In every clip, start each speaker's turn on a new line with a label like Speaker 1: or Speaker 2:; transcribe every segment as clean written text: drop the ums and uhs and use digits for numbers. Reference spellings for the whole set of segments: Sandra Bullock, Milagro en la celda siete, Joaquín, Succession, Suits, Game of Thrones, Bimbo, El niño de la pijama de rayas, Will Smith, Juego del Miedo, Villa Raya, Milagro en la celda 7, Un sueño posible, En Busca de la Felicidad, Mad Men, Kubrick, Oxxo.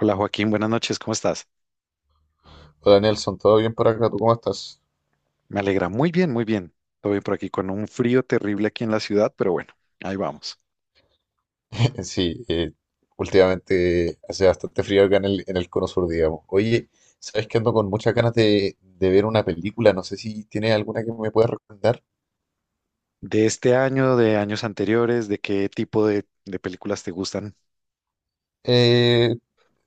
Speaker 1: Hola Joaquín, buenas noches, ¿cómo estás?
Speaker 2: Hola Nelson, ¿todo bien por acá? ¿Tú cómo estás?
Speaker 1: Me alegra, muy bien, muy bien. Todo bien por aquí con un frío terrible aquí en la ciudad, pero bueno, ahí vamos.
Speaker 2: Sí, últimamente hace bastante frío acá en el cono sur, digamos. Oye, ¿sabes que ando con muchas ganas de ver una película? No sé si tienes alguna que me puedas recomendar.
Speaker 1: ¿De este año, de años anteriores, de qué tipo de películas te gustan?
Speaker 2: Eh,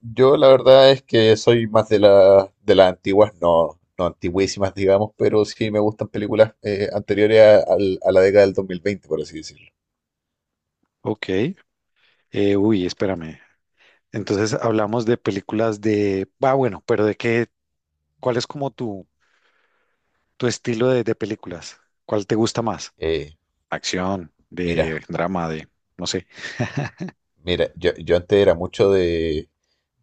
Speaker 2: yo la verdad es que soy más de las antiguas, no, no antiguísimas, digamos, pero sí me gustan películas anteriores a la década del 2020, por así decirlo.
Speaker 1: Ok, uy, espérame. Entonces hablamos de películas de... Ah, bueno, pero ¿de qué? ¿Cuál es como tu estilo de películas? ¿Cuál te gusta más?
Speaker 2: Eh,
Speaker 1: ¿Acción, de
Speaker 2: mira,
Speaker 1: drama, de... no sé?
Speaker 2: yo antes era mucho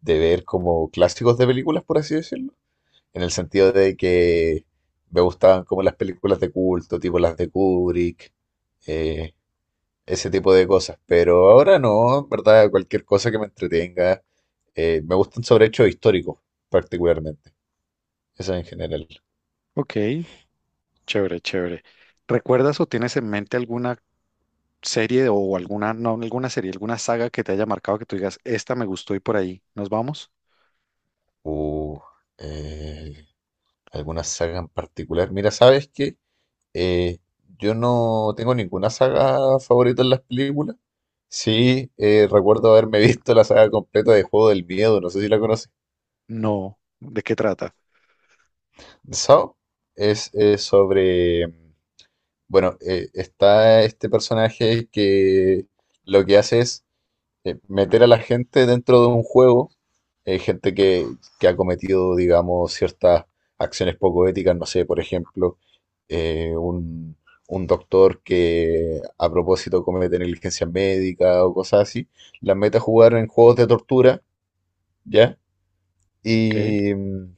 Speaker 2: de ver como clásicos de películas, por así decirlo, en el sentido de que me gustaban como las películas de culto, tipo las de Kubrick, eh, ese tipo de cosas. Pero ahora no, en verdad, cualquier cosa que me entretenga. Me gustan sobre hechos históricos, particularmente. Eso en general.
Speaker 1: Ok, chévere, chévere. ¿Recuerdas o tienes en mente alguna serie o alguna, no alguna serie, alguna saga que te haya marcado que tú digas, esta me gustó y por ahí nos vamos?
Speaker 2: Uh, eh, ¿Alguna saga en particular? Mira, ¿sabes qué? Eh, yo no tengo ninguna saga favorita en las películas. Sí, recuerdo haberme visto la saga completa de Juego del Miedo, no sé si la conoces.
Speaker 1: No. ¿De qué trata?
Speaker 2: so es sobre, bueno, está este personaje que lo que hace es meter a la gente dentro de un juego, gente que ha cometido, digamos, ciertas acciones poco éticas. No sé, por ejemplo, eh, un, un doctor que a propósito comete negligencia médica o cosas así, las mete a jugar en juegos de tortura, ¿ya?
Speaker 1: Ok,
Speaker 2: Y, mm,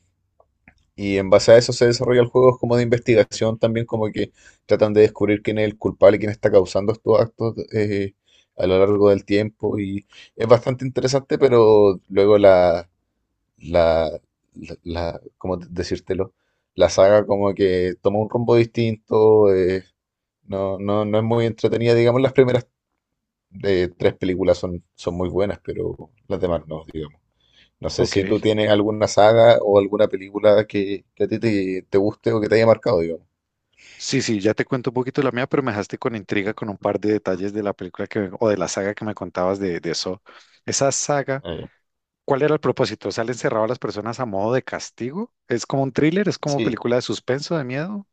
Speaker 2: y en base a eso se desarrollan juegos como de investigación también, como que tratan de descubrir quién es el culpable, quién está causando estos actos a lo largo del tiempo. Y es bastante interesante, pero luego la, ¿cómo decírtelo? La saga como que toma un rumbo distinto, no, no, no es muy entretenida, digamos. Las primeras tres películas son, son muy buenas, pero las demás no, digamos. No sé si tú
Speaker 1: ok.
Speaker 2: tienes alguna saga o alguna película que a ti te guste o que te haya marcado, digamos.
Speaker 1: Sí, sí, ya te cuento un poquito la mía, pero me dejaste con intriga con un par de detalles de la película que, o de la saga que me contabas de eso. Esa saga,
Speaker 2: Ah, ya.
Speaker 1: ¿cuál era el propósito? ¿Salen encerrado a las personas a modo de castigo? ¿Es como un thriller? ¿Es como
Speaker 2: Sí,
Speaker 1: película de suspenso, de miedo?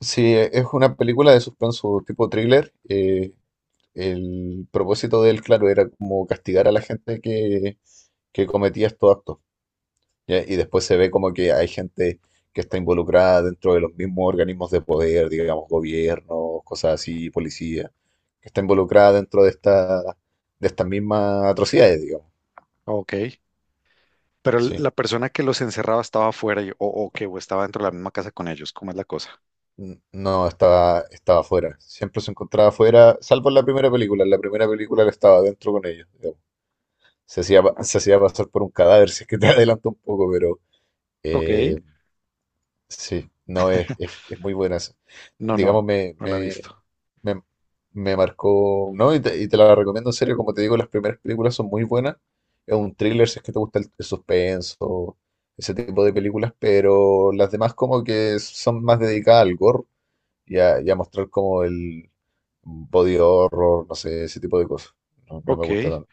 Speaker 2: sí, es una película de suspenso tipo thriller. El propósito de él, claro, era como castigar a la gente que cometía estos actos. ¿Ya? Y después se ve como que hay gente que está involucrada dentro de los mismos organismos de poder, digamos, gobiernos, cosas así, policía, que está involucrada dentro de de estas mismas atrocidades, digamos.
Speaker 1: Ok. Pero
Speaker 2: Sí.
Speaker 1: la persona que los encerraba estaba afuera o que o estaba dentro de la misma casa con ellos. ¿Cómo es la cosa?
Speaker 2: No, estaba, estaba afuera. Siempre se encontraba afuera, salvo en la primera película. En la primera película él estaba adentro con ellos, digamos. Se hacía pasar por un cadáver, si es que te adelanto un poco, pero
Speaker 1: Ok.
Speaker 2: eh, sí, no, es muy buena, esa.
Speaker 1: No, no,
Speaker 2: Digamos,
Speaker 1: no la he visto.
Speaker 2: me, me marcó, ¿no? Y te la recomiendo en serio, como te digo, las primeras películas son muy buenas. Es un thriller, si es que te gusta el suspenso, ese tipo de películas, pero las demás como que son más dedicadas al gore y y a mostrar como el body horror, no sé, ese tipo de cosas. No, no me gusta
Speaker 1: Ok,
Speaker 2: tanto.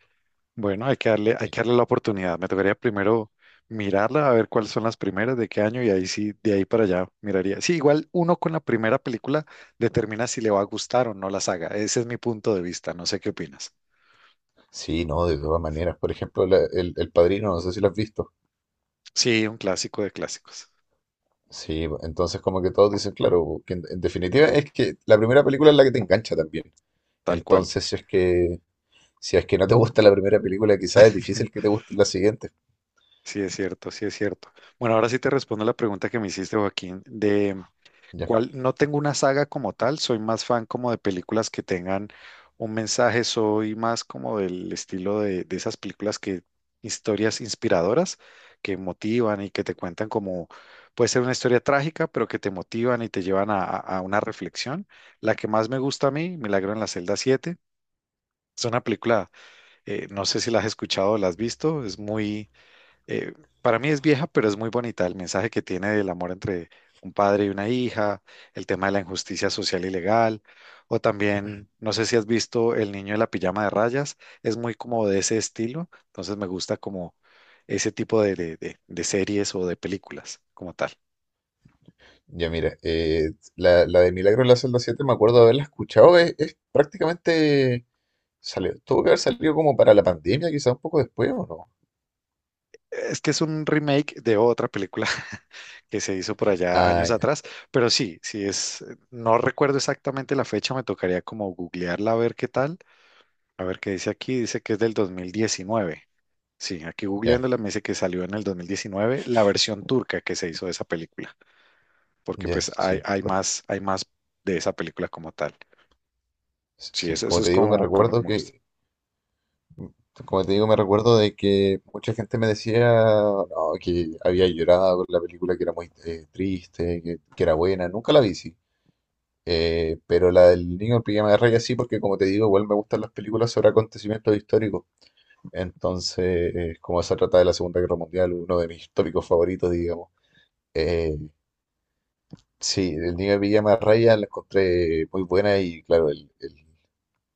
Speaker 1: bueno, hay
Speaker 2: Sí,
Speaker 1: que darle la oportunidad. Me tocaría primero mirarla, a ver cuáles son las primeras, de qué año, y ahí sí, de ahí para allá miraría. Sí, igual uno con la primera película determina si le va a gustar o no la saga. Ese es mi punto de vista, no sé qué opinas.
Speaker 2: sí, no, de todas maneras. Por ejemplo, el Padrino, no sé si lo has visto.
Speaker 1: Sí, un clásico de clásicos,
Speaker 2: Sí, pues, entonces como que todos dicen, claro, que en definitiva es que la primera película es la que te engancha también.
Speaker 1: tal cual.
Speaker 2: Entonces, si es que no te gusta la primera película, quizás es difícil que te guste la siguiente.
Speaker 1: Sí, es cierto, sí es cierto. Bueno, ahora sí te respondo la pregunta que me hiciste, Joaquín, de
Speaker 2: Ya,
Speaker 1: cual no tengo una saga como tal. Soy más fan como de películas que tengan un mensaje, soy más como del estilo de esas películas que historias inspiradoras que motivan y que te cuentan como puede ser una historia trágica, pero que te motivan y te llevan a, a una reflexión. La que más me gusta a mí, Milagro en la celda 7, es una película, no sé si la has escuchado o la has visto. Es muy eh, para mí es vieja, pero es muy bonita el mensaje que tiene del amor entre un padre y una hija, el tema de la injusticia social y legal. O también, no sé si has visto El niño de la pijama de rayas, es muy como de ese estilo. Entonces me gusta como ese tipo de, de series o de películas como tal.
Speaker 2: ya mira, la de Milagro en la celda 7 me acuerdo de haberla escuchado, es prácticamente... Salió, tuvo que haber salido como para la pandemia, quizás un poco después, ¿o no?
Speaker 1: Es que es un remake de otra película que se hizo por allá
Speaker 2: Ah,
Speaker 1: años
Speaker 2: ya,
Speaker 1: atrás, pero sí, sí es, no recuerdo exactamente la fecha, me tocaría como googlearla a ver qué tal. A ver qué dice aquí. Dice que es del 2019. Sí, aquí
Speaker 2: ya,
Speaker 1: googleándola me dice que salió en el 2019 la versión turca que se hizo de esa película, porque
Speaker 2: ya,
Speaker 1: pues hay,
Speaker 2: sí, porque,
Speaker 1: hay más de esa película como tal. Sí,
Speaker 2: sí,
Speaker 1: eso
Speaker 2: como
Speaker 1: es
Speaker 2: te digo, me
Speaker 1: como, como lo que
Speaker 2: recuerdo
Speaker 1: me gusta.
Speaker 2: que, como te digo, me recuerdo de que mucha gente me decía, no, que había llorado por la película, que era muy triste, que era buena, nunca la vi, sí. Pero la del niño en pijama de rayas sí, porque como te digo, igual me gustan las películas sobre acontecimientos históricos, entonces, como se trata de la Segunda Guerra Mundial, uno de mis tópicos favoritos, digamos. eh, Sí, el niño de Villa Raya la encontré muy buena y claro,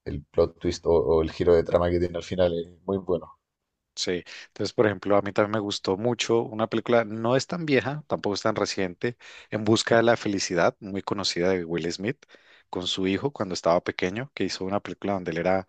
Speaker 2: el plot twist o el giro de trama que tiene al final es muy bueno.
Speaker 1: Sí, entonces, por ejemplo, a mí también me gustó mucho una película, no es tan vieja, tampoco es tan reciente, En Busca de la Felicidad, muy conocida, de Will Smith, con su hijo cuando estaba pequeño, que hizo una película donde él era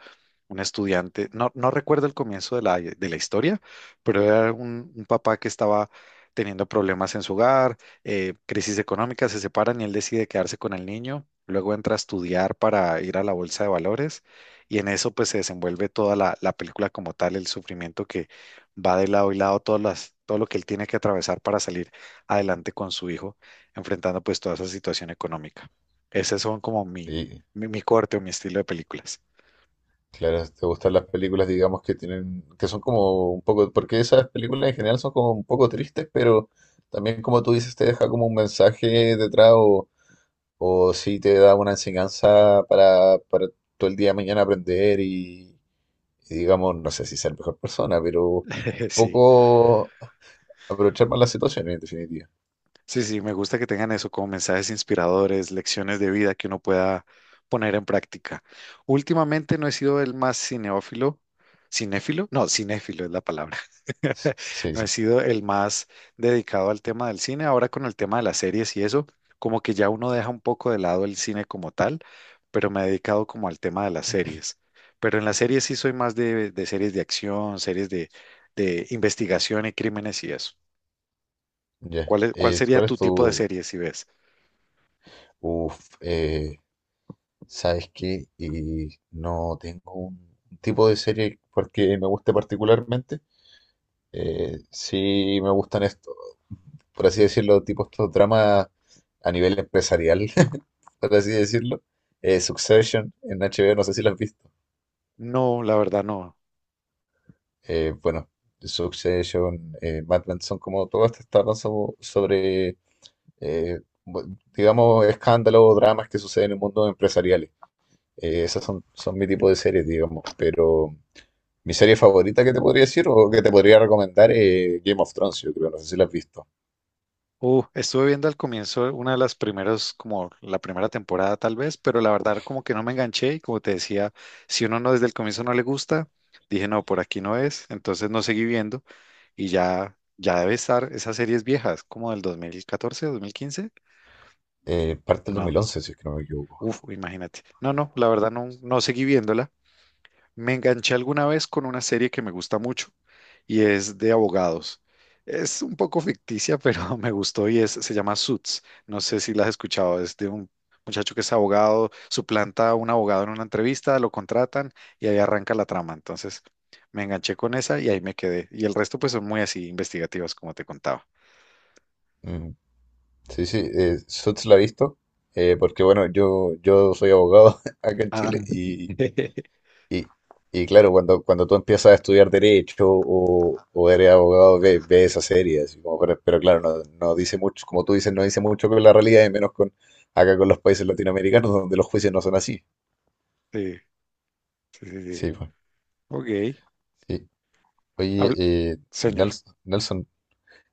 Speaker 1: un estudiante. No, no recuerdo el comienzo de la historia, pero era un papá que estaba teniendo problemas en su hogar, crisis económica, se separan y él decide quedarse con el niño, luego entra a estudiar para ir a la bolsa de valores y en eso pues se desenvuelve toda la, la película como tal, el sufrimiento que va de lado y lado, todas las, todo lo que él tiene que atravesar para salir adelante con su hijo, enfrentando pues toda esa situación económica. Esos son como mi,
Speaker 2: Y
Speaker 1: mi, mi corte o mi estilo de películas.
Speaker 2: claro, si te gustan las películas, digamos, que tienen, que son como un poco, porque esas películas en general son como un poco tristes, pero también como tú dices, te deja como un mensaje detrás o sí te da una enseñanza para todo el día de mañana aprender y digamos, no sé si ser mejor persona, pero un
Speaker 1: Sí.
Speaker 2: poco aprovechar más las situaciones en definitiva.
Speaker 1: Sí, sí, me gusta que tengan eso como mensajes inspiradores, lecciones de vida que uno pueda poner en práctica. Últimamente no he sido el más cineófilo, cinéfilo, no, cinéfilo es la palabra.
Speaker 2: Sí,
Speaker 1: No he
Speaker 2: sí,
Speaker 1: sido el más dedicado al tema del cine. Ahora con el tema de las series y eso, como que ya uno deja un poco de lado el cine como tal, pero me he dedicado como al tema de las series. Pero en las series sí soy más de series de acción, series de investigación y crímenes y eso.
Speaker 2: ya.
Speaker 1: ¿ Cuál sería
Speaker 2: ¿Cuál es
Speaker 1: tu tipo de
Speaker 2: tu...
Speaker 1: serie si ves?
Speaker 2: Uf, eh, ¿sabes qué? Y no tengo un tipo de serie porque me guste particularmente. Sí me gustan estos, por así decirlo, tipo estos dramas a nivel empresarial, por así decirlo. Succession en HBO, no sé si lo has visto.
Speaker 1: No, la verdad no.
Speaker 2: Eh, bueno, Succession, Mad Men son como todas estas tramas sobre eh, digamos, escándalos o dramas que suceden en el mundo empresarial. Esas son, son mi tipo de series, digamos. Pero mi serie favorita que te podría decir o que te podría recomendar es Game of Thrones, yo creo, no sé si la has visto.
Speaker 1: Estuve viendo al comienzo una de las primeras, como la primera temporada tal vez, pero la verdad como que no me enganché y como te decía, si uno no desde el comienzo no le gusta, dije no, por aquí no es, entonces no seguí viendo y ya, ya debe estar esas series viejas, como del 2014, 2015.
Speaker 2: Parte del dos
Speaker 1: No,
Speaker 2: mil once si es que no me equivoco.
Speaker 1: uf, imagínate. No, no, la verdad no, no seguí viéndola. Me enganché alguna vez con una serie que me gusta mucho y es de abogados. Es un poco ficticia, pero me gustó y es, se llama Suits. No sé si la has escuchado. Es de un muchacho que es abogado, suplanta a un abogado en una entrevista, lo contratan y ahí arranca la trama. Entonces me enganché con esa y ahí me quedé. Y el resto pues son muy así investigativas, como te contaba.
Speaker 2: Mm, sí, sí, Suits la he visto. Porque bueno, yo soy abogado acá en
Speaker 1: Ah.
Speaker 2: Chile. Y, y claro, cuando tú empiezas a estudiar derecho o eres abogado, ves esa serie, así como, pero claro, no, no dice mucho, como tú dices, no dice mucho con la realidad, y menos con acá con los países latinoamericanos, donde los juicios no son así.
Speaker 1: Sí, sí, sí, sí.
Speaker 2: Sí, pues,
Speaker 1: Ok.
Speaker 2: sí. Oye,
Speaker 1: Habl- Señor,
Speaker 2: Nelson,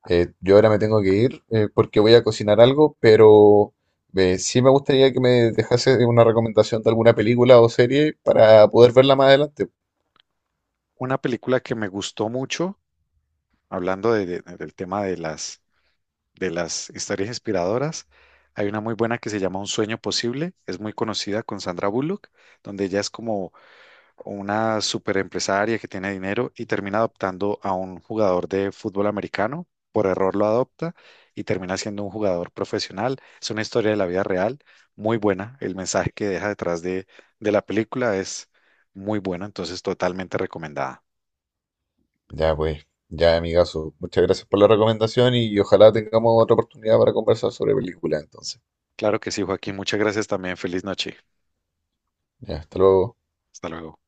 Speaker 2: yo ahora me tengo que ir, porque voy a cocinar algo, pero sí me gustaría que me dejase una recomendación de alguna película o serie para poder verla más adelante.
Speaker 1: una película que me gustó mucho, hablando de- del tema de las historias inspiradoras. Hay una muy buena que se llama Un sueño posible, es muy conocida, con Sandra Bullock, donde ella es como una super empresaria que tiene dinero y termina adoptando a un jugador de fútbol americano, por error lo adopta y termina siendo un jugador profesional. Es una historia de la vida real, muy buena. El mensaje que deja detrás de la película es muy bueno, entonces totalmente recomendada.
Speaker 2: Ya pues, ya amigazo, muchas gracias por la recomendación y ojalá tengamos otra oportunidad para conversar sobre películas entonces.
Speaker 1: Claro que sí, Joaquín, muchas gracias también. Feliz noche.
Speaker 2: Ya, hasta luego.
Speaker 1: Hasta luego.